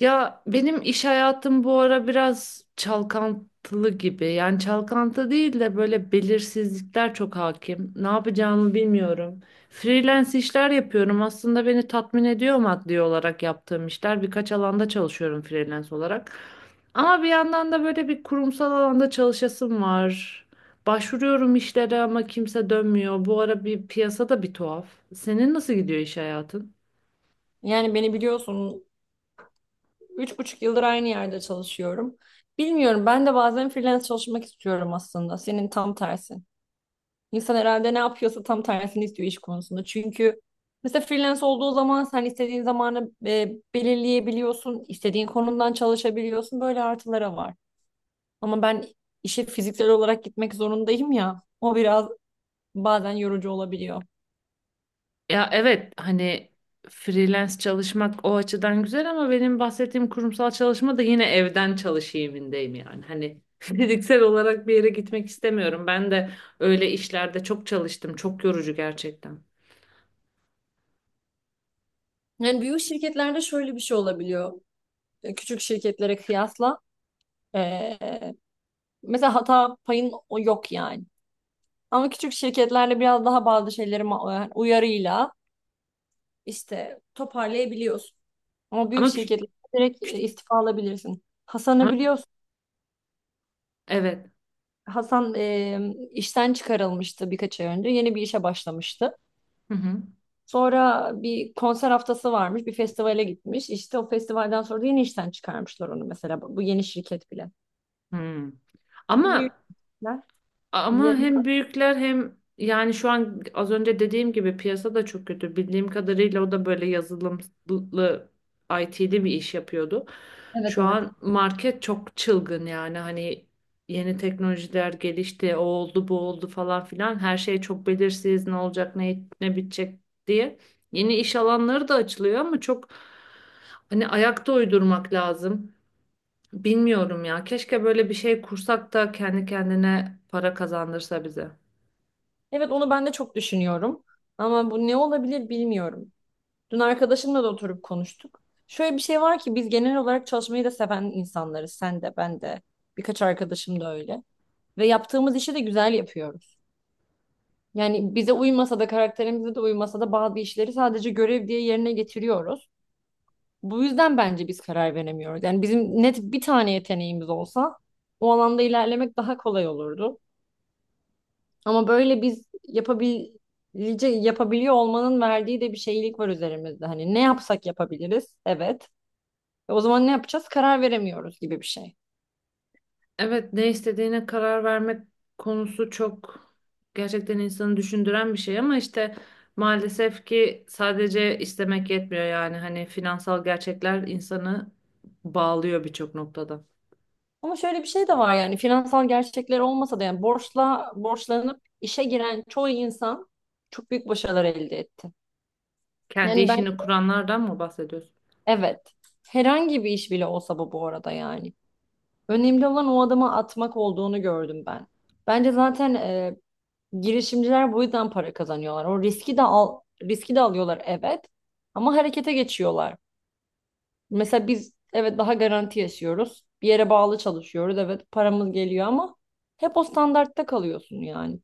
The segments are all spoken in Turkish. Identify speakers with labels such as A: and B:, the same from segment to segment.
A: Ya benim iş hayatım bu ara biraz çalkantılı gibi. Yani çalkantı değil de böyle belirsizlikler çok hakim. Ne yapacağımı bilmiyorum. Freelance işler yapıyorum. Aslında beni tatmin ediyor maddi olarak yaptığım işler. Birkaç alanda çalışıyorum freelance olarak. Ama bir yandan da böyle bir kurumsal alanda çalışasım var. Başvuruyorum işlere ama kimse dönmüyor. Bu ara bir piyasada bir tuhaf. Senin nasıl gidiyor iş hayatın?
B: Yani beni biliyorsun, 3,5 yıldır aynı yerde çalışıyorum. Bilmiyorum, ben de bazen freelance çalışmak istiyorum aslında. Senin tam tersin. İnsan herhalde ne yapıyorsa tam tersini istiyor iş konusunda. Çünkü mesela freelance olduğu zaman sen istediğin zamanı belirleyebiliyorsun, istediğin konumdan çalışabiliyorsun. Böyle artıları var. Ama ben işe fiziksel olarak gitmek zorundayım ya. O biraz bazen yorucu olabiliyor.
A: Ya evet hani freelance çalışmak o açıdan güzel ama benim bahsettiğim kurumsal çalışma da yine evden çalışayımindeyim yani. Hani fiziksel olarak bir yere gitmek istemiyorum. Ben de öyle işlerde çok çalıştım. Çok yorucu gerçekten.
B: Yani büyük şirketlerde şöyle bir şey olabiliyor. Küçük şirketlere kıyasla. E, Mesela hata payın o yok yani. Ama küçük şirketlerle biraz daha bazı şeyleri yani uyarıyla işte toparlayabiliyorsun. Ama büyük
A: Ama, kü-
B: şirketler direkt istifa alabilirsin. Hasan'ı
A: ama
B: biliyorsun.
A: evet.
B: Hasan işten çıkarılmıştı birkaç ay önce. Yeni bir işe başlamıştı.
A: Hı hı.
B: Sonra bir konser haftası varmış. Bir festivale gitmiş. İşte o festivalden sonra da yeni işten çıkarmışlar onu mesela. Bu yeni şirket bile.
A: Hı.
B: Çünkü büyük
A: Ama
B: şirketler.
A: Ama
B: ye-
A: hem büyükler hem yani şu an az önce dediğim gibi piyasa da çok kötü. Bildiğim kadarıyla o da böyle yazılımlı IT'li bir iş yapıyordu.
B: Evet,
A: Şu
B: evet.
A: an market çok çılgın yani hani yeni teknolojiler gelişti, o oldu, bu oldu falan filan. Her şey çok belirsiz, ne olacak, ne bitecek diye. Yeni iş alanları da açılıyor ama çok hani ayakta uydurmak lazım. Bilmiyorum ya. Keşke böyle bir şey kursak da kendi kendine para kazandırsa bize.
B: Evet, onu ben de çok düşünüyorum. Ama bu ne olabilir bilmiyorum. Dün arkadaşımla da oturup konuştuk. Şöyle bir şey var ki biz genel olarak çalışmayı da seven insanlarız. Sen de, ben de. Birkaç arkadaşım da öyle. Ve yaptığımız işi de güzel yapıyoruz. Yani bize uymasa da karakterimize de uymasa da bazı işleri sadece görev diye yerine getiriyoruz. Bu yüzden bence biz karar veremiyoruz. Yani bizim net bir tane yeteneğimiz olsa o alanda ilerlemek daha kolay olurdu. Ama böyle biz yapabiliyor olmanın verdiği de bir şeylik var üzerimizde. Hani ne yapsak yapabiliriz? Evet. Ve o zaman ne yapacağız? Karar veremiyoruz gibi bir şey.
A: Evet, ne istediğine karar vermek konusu çok gerçekten insanı düşündüren bir şey ama işte maalesef ki sadece istemek yetmiyor yani hani finansal gerçekler insanı bağlıyor birçok noktada.
B: Ama şöyle bir şey de var, yani finansal gerçekler olmasa da yani borçla borçlanıp işe giren çoğu insan çok büyük başarılar elde etti.
A: Kendi
B: Yani ben
A: işini kuranlardan mı bahsediyorsun?
B: evet herhangi bir iş bile olsa bu arada yani. Önemli olan o adımı atmak olduğunu gördüm ben. Bence zaten girişimciler bu yüzden para kazanıyorlar. O riski de alıyorlar, evet, ama harekete geçiyorlar. Mesela biz evet daha garanti yaşıyoruz. Bir yere bağlı çalışıyoruz. Evet paramız geliyor ama hep o standartta kalıyorsun yani.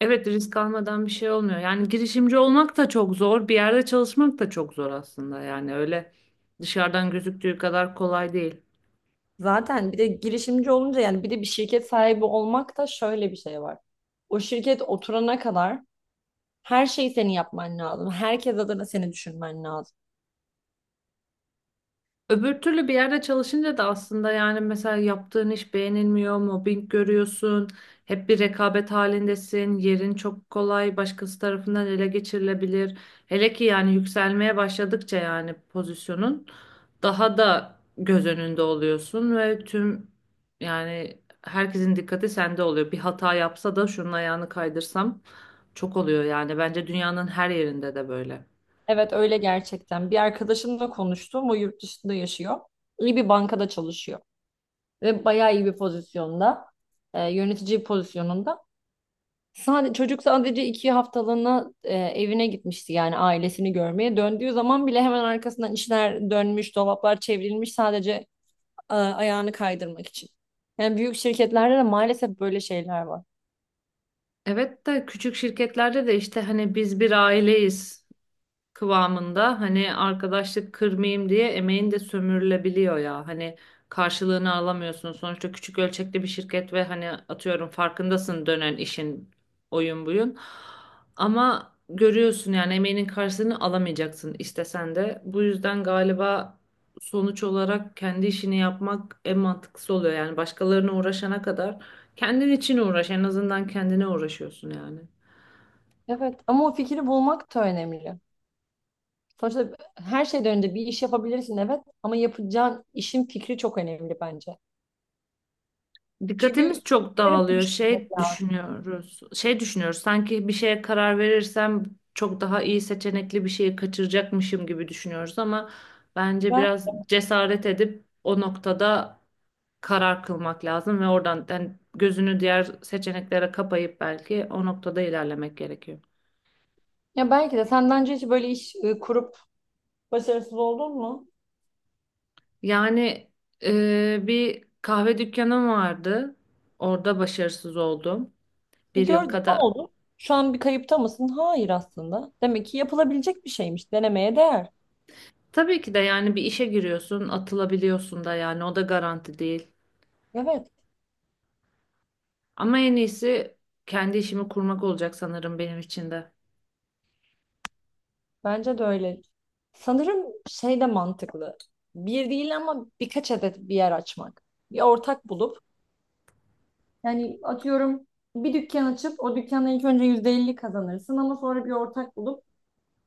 A: Evet, risk almadan bir şey olmuyor. Yani girişimci olmak da çok zor, bir yerde çalışmak da çok zor aslında. Yani öyle dışarıdan gözüktüğü kadar kolay değil.
B: Zaten bir de girişimci olunca yani bir de bir şirket sahibi olmak da şöyle bir şey var. O şirket oturana kadar her şeyi senin yapman lazım. Herkes adına seni düşünmen lazım.
A: Öbür türlü bir yerde çalışınca da aslında yani mesela yaptığın iş beğenilmiyor, mobbing görüyorsun, hep bir rekabet halindesin, yerin çok kolay başkası tarafından ele geçirilebilir. Hele ki yani yükselmeye başladıkça yani pozisyonun daha da göz önünde oluyorsun ve tüm yani herkesin dikkati sende oluyor. Bir hata yapsa da şunun ayağını kaydırsam çok oluyor yani bence dünyanın her yerinde de böyle.
B: Evet öyle gerçekten. Bir arkadaşımla konuştum. O yurt dışında yaşıyor. İyi bir bankada çalışıyor. Ve bayağı iyi bir pozisyonda, yönetici pozisyonunda. Çocuk sadece 2 haftalığına evine gitmişti yani ailesini görmeye. Döndüğü zaman bile hemen arkasından işler dönmüş, dolaplar çevrilmiş sadece ayağını kaydırmak için. Yani büyük şirketlerde de maalesef böyle şeyler var.
A: Evet de küçük şirketlerde de işte hani biz bir aileyiz kıvamında hani arkadaşlık kırmayayım diye emeğin de sömürülebiliyor ya. Hani karşılığını alamıyorsun. Sonuçta küçük ölçekli bir şirket ve hani atıyorum farkındasın dönen işin oyun buyun. Ama görüyorsun yani emeğinin karşılığını alamayacaksın istesen de. Bu yüzden galiba sonuç olarak kendi işini yapmak en mantıklısı oluyor. Yani başkalarına uğraşana kadar kendin için uğraş. En azından kendine uğraşıyorsun yani.
B: Evet ama o fikri bulmak da önemli. Sonuçta her şeyden önce bir iş yapabilirsin evet ama yapacağın işin fikri çok önemli bence. Çünkü
A: Dikkatimiz çok
B: işleri de
A: dağılıyor.
B: düşünmek
A: Şey
B: lazım.
A: düşünüyoruz. Şey düşünüyoruz. Sanki bir şeye karar verirsem çok daha iyi seçenekli bir şeyi kaçıracakmışım gibi düşünüyoruz ama bence
B: Ben,
A: biraz cesaret edip o noktada karar kılmak lazım ve oradan yani gözünü diğer seçeneklere kapayıp belki o noktada ilerlemek gerekiyor.
B: Ya belki de sen bence hiç böyle iş kurup başarısız oldun mu?
A: Yani bir kahve dükkanım vardı. Orada başarısız oldum. Bir yıl
B: Gördün ne
A: kadar.
B: oldu? Şu an bir kayıpta mısın? Hayır aslında. Demek ki yapılabilecek bir şeymiş. Denemeye değer.
A: Tabii ki de yani bir işe giriyorsun, atılabiliyorsun da yani o da garanti değil.
B: Evet,
A: Ama en iyisi kendi işimi kurmak olacak sanırım benim için de.
B: bence de öyle. Sanırım şey de mantıklı. Bir değil ama birkaç adet bir yer açmak. Bir ortak bulup. Yani atıyorum, bir dükkan açıp o dükkanla ilk önce %50 kazanırsın, ama sonra bir ortak bulup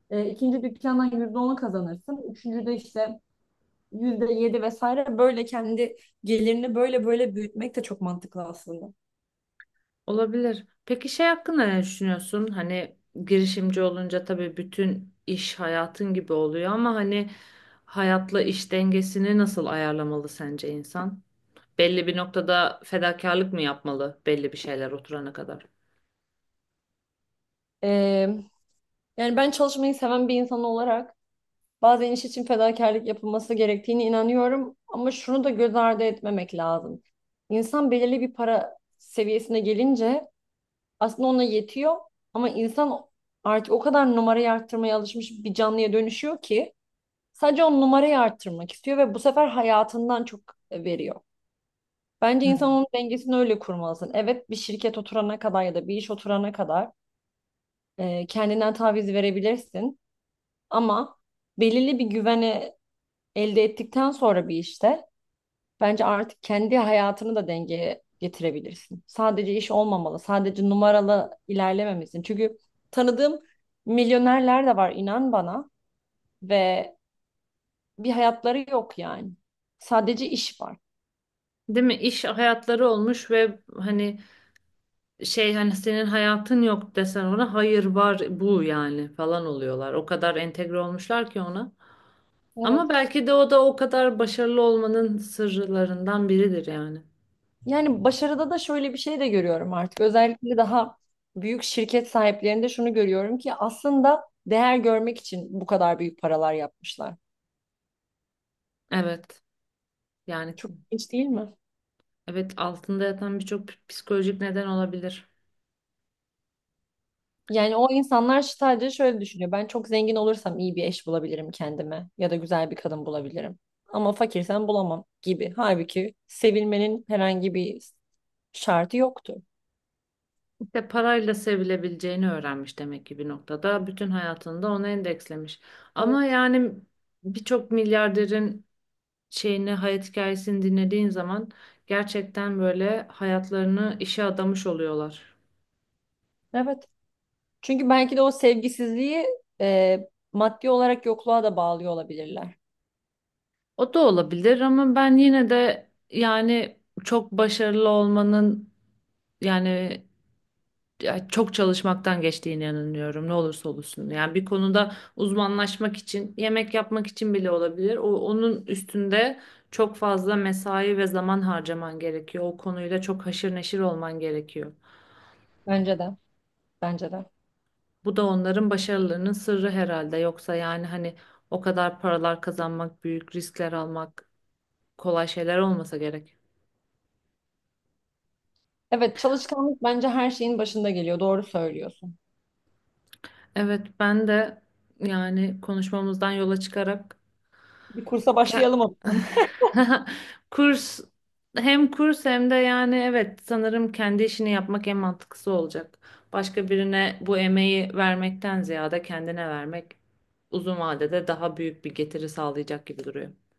B: ikinci dükkandan %10 kazanırsın. Üçüncüde işte %7 vesaire, böyle kendi gelirini böyle böyle büyütmek de çok mantıklı aslında.
A: Olabilir. Peki şey hakkında ne düşünüyorsun? Hani girişimci olunca tabii bütün iş hayatın gibi oluyor ama hani hayatla iş dengesini nasıl ayarlamalı sence insan? Belli bir noktada fedakarlık mı yapmalı belli bir şeyler oturana kadar?
B: E, Yani ben çalışmayı seven bir insan olarak bazen iş için fedakarlık yapılması gerektiğine inanıyorum, ama şunu da göz ardı etmemek lazım. İnsan belirli bir para seviyesine gelince aslında ona yetiyor, ama insan artık o kadar numarayı arttırmaya alışmış bir canlıya dönüşüyor ki sadece o numarayı arttırmak istiyor ve bu sefer hayatından çok veriyor. Bence insan
A: Hmm.
B: onun dengesini öyle kurmalısın. Evet, bir şirket oturana kadar ya da bir iş oturana kadar kendinden taviz verebilirsin, ama belirli bir güveni elde ettikten sonra bir işte bence artık kendi hayatını da dengeye getirebilirsin. Sadece iş olmamalı, sadece numaralı ilerlememelisin. Çünkü tanıdığım milyonerler de var, inan bana, ve bir hayatları yok yani. Sadece iş var.
A: Değil mi? İş hayatları olmuş ve hani şey hani senin hayatın yok desen ona hayır var bu yani falan oluyorlar. O kadar entegre olmuşlar ki ona. Ama
B: Evet.
A: belki de o da o kadar başarılı olmanın sırlarından biridir yani.
B: Yani başarıda da şöyle bir şey de görüyorum artık. Özellikle daha büyük şirket sahiplerinde şunu görüyorum ki aslında değer görmek için bu kadar büyük paralar yapmışlar.
A: Evet. Yani
B: Çok ilginç değil mi?
A: evet altında yatan birçok psikolojik neden olabilir.
B: Yani o insanlar sadece şöyle düşünüyor. Ben çok zengin olursam iyi bir eş bulabilirim kendime ya da güzel bir kadın bulabilirim. Ama fakirsem bulamam gibi. Halbuki sevilmenin herhangi bir şartı yoktu.
A: İşte parayla sevilebileceğini öğrenmiş demek ki bir noktada. Bütün hayatında da ona endekslemiş. Ama
B: Evet.
A: yani birçok milyarderin şeyini hayat hikayesini dinlediğin zaman gerçekten böyle hayatlarını işe adamış oluyorlar.
B: Evet. Çünkü belki de o sevgisizliği maddi olarak yokluğa da bağlıyor olabilirler.
A: O da olabilir ama ben yine de yani çok başarılı olmanın yani ya çok çalışmaktan geçtiğine inanıyorum ne olursa olsun. Yani bir konuda uzmanlaşmak için, yemek yapmak için bile olabilir. O onun üstünde çok fazla mesai ve zaman harcaman gerekiyor. O konuyla çok haşır neşir olman gerekiyor.
B: Bence de. Bence de.
A: Bu da onların başarılarının sırrı herhalde. Yoksa yani hani o kadar paralar kazanmak, büyük riskler almak kolay şeyler olmasa gerek.
B: Evet, çalışkanlık bence her şeyin başında geliyor. Doğru söylüyorsun.
A: Evet, ben de yani konuşmamızdan yola çıkarak
B: Bir kursa
A: ke-
B: başlayalım o zaman.
A: kurs, hem kurs hem de yani evet sanırım kendi işini yapmak en mantıklısı olacak. Başka birine bu emeği vermekten ziyade kendine vermek uzun vadede daha büyük bir getiri sağlayacak gibi duruyor.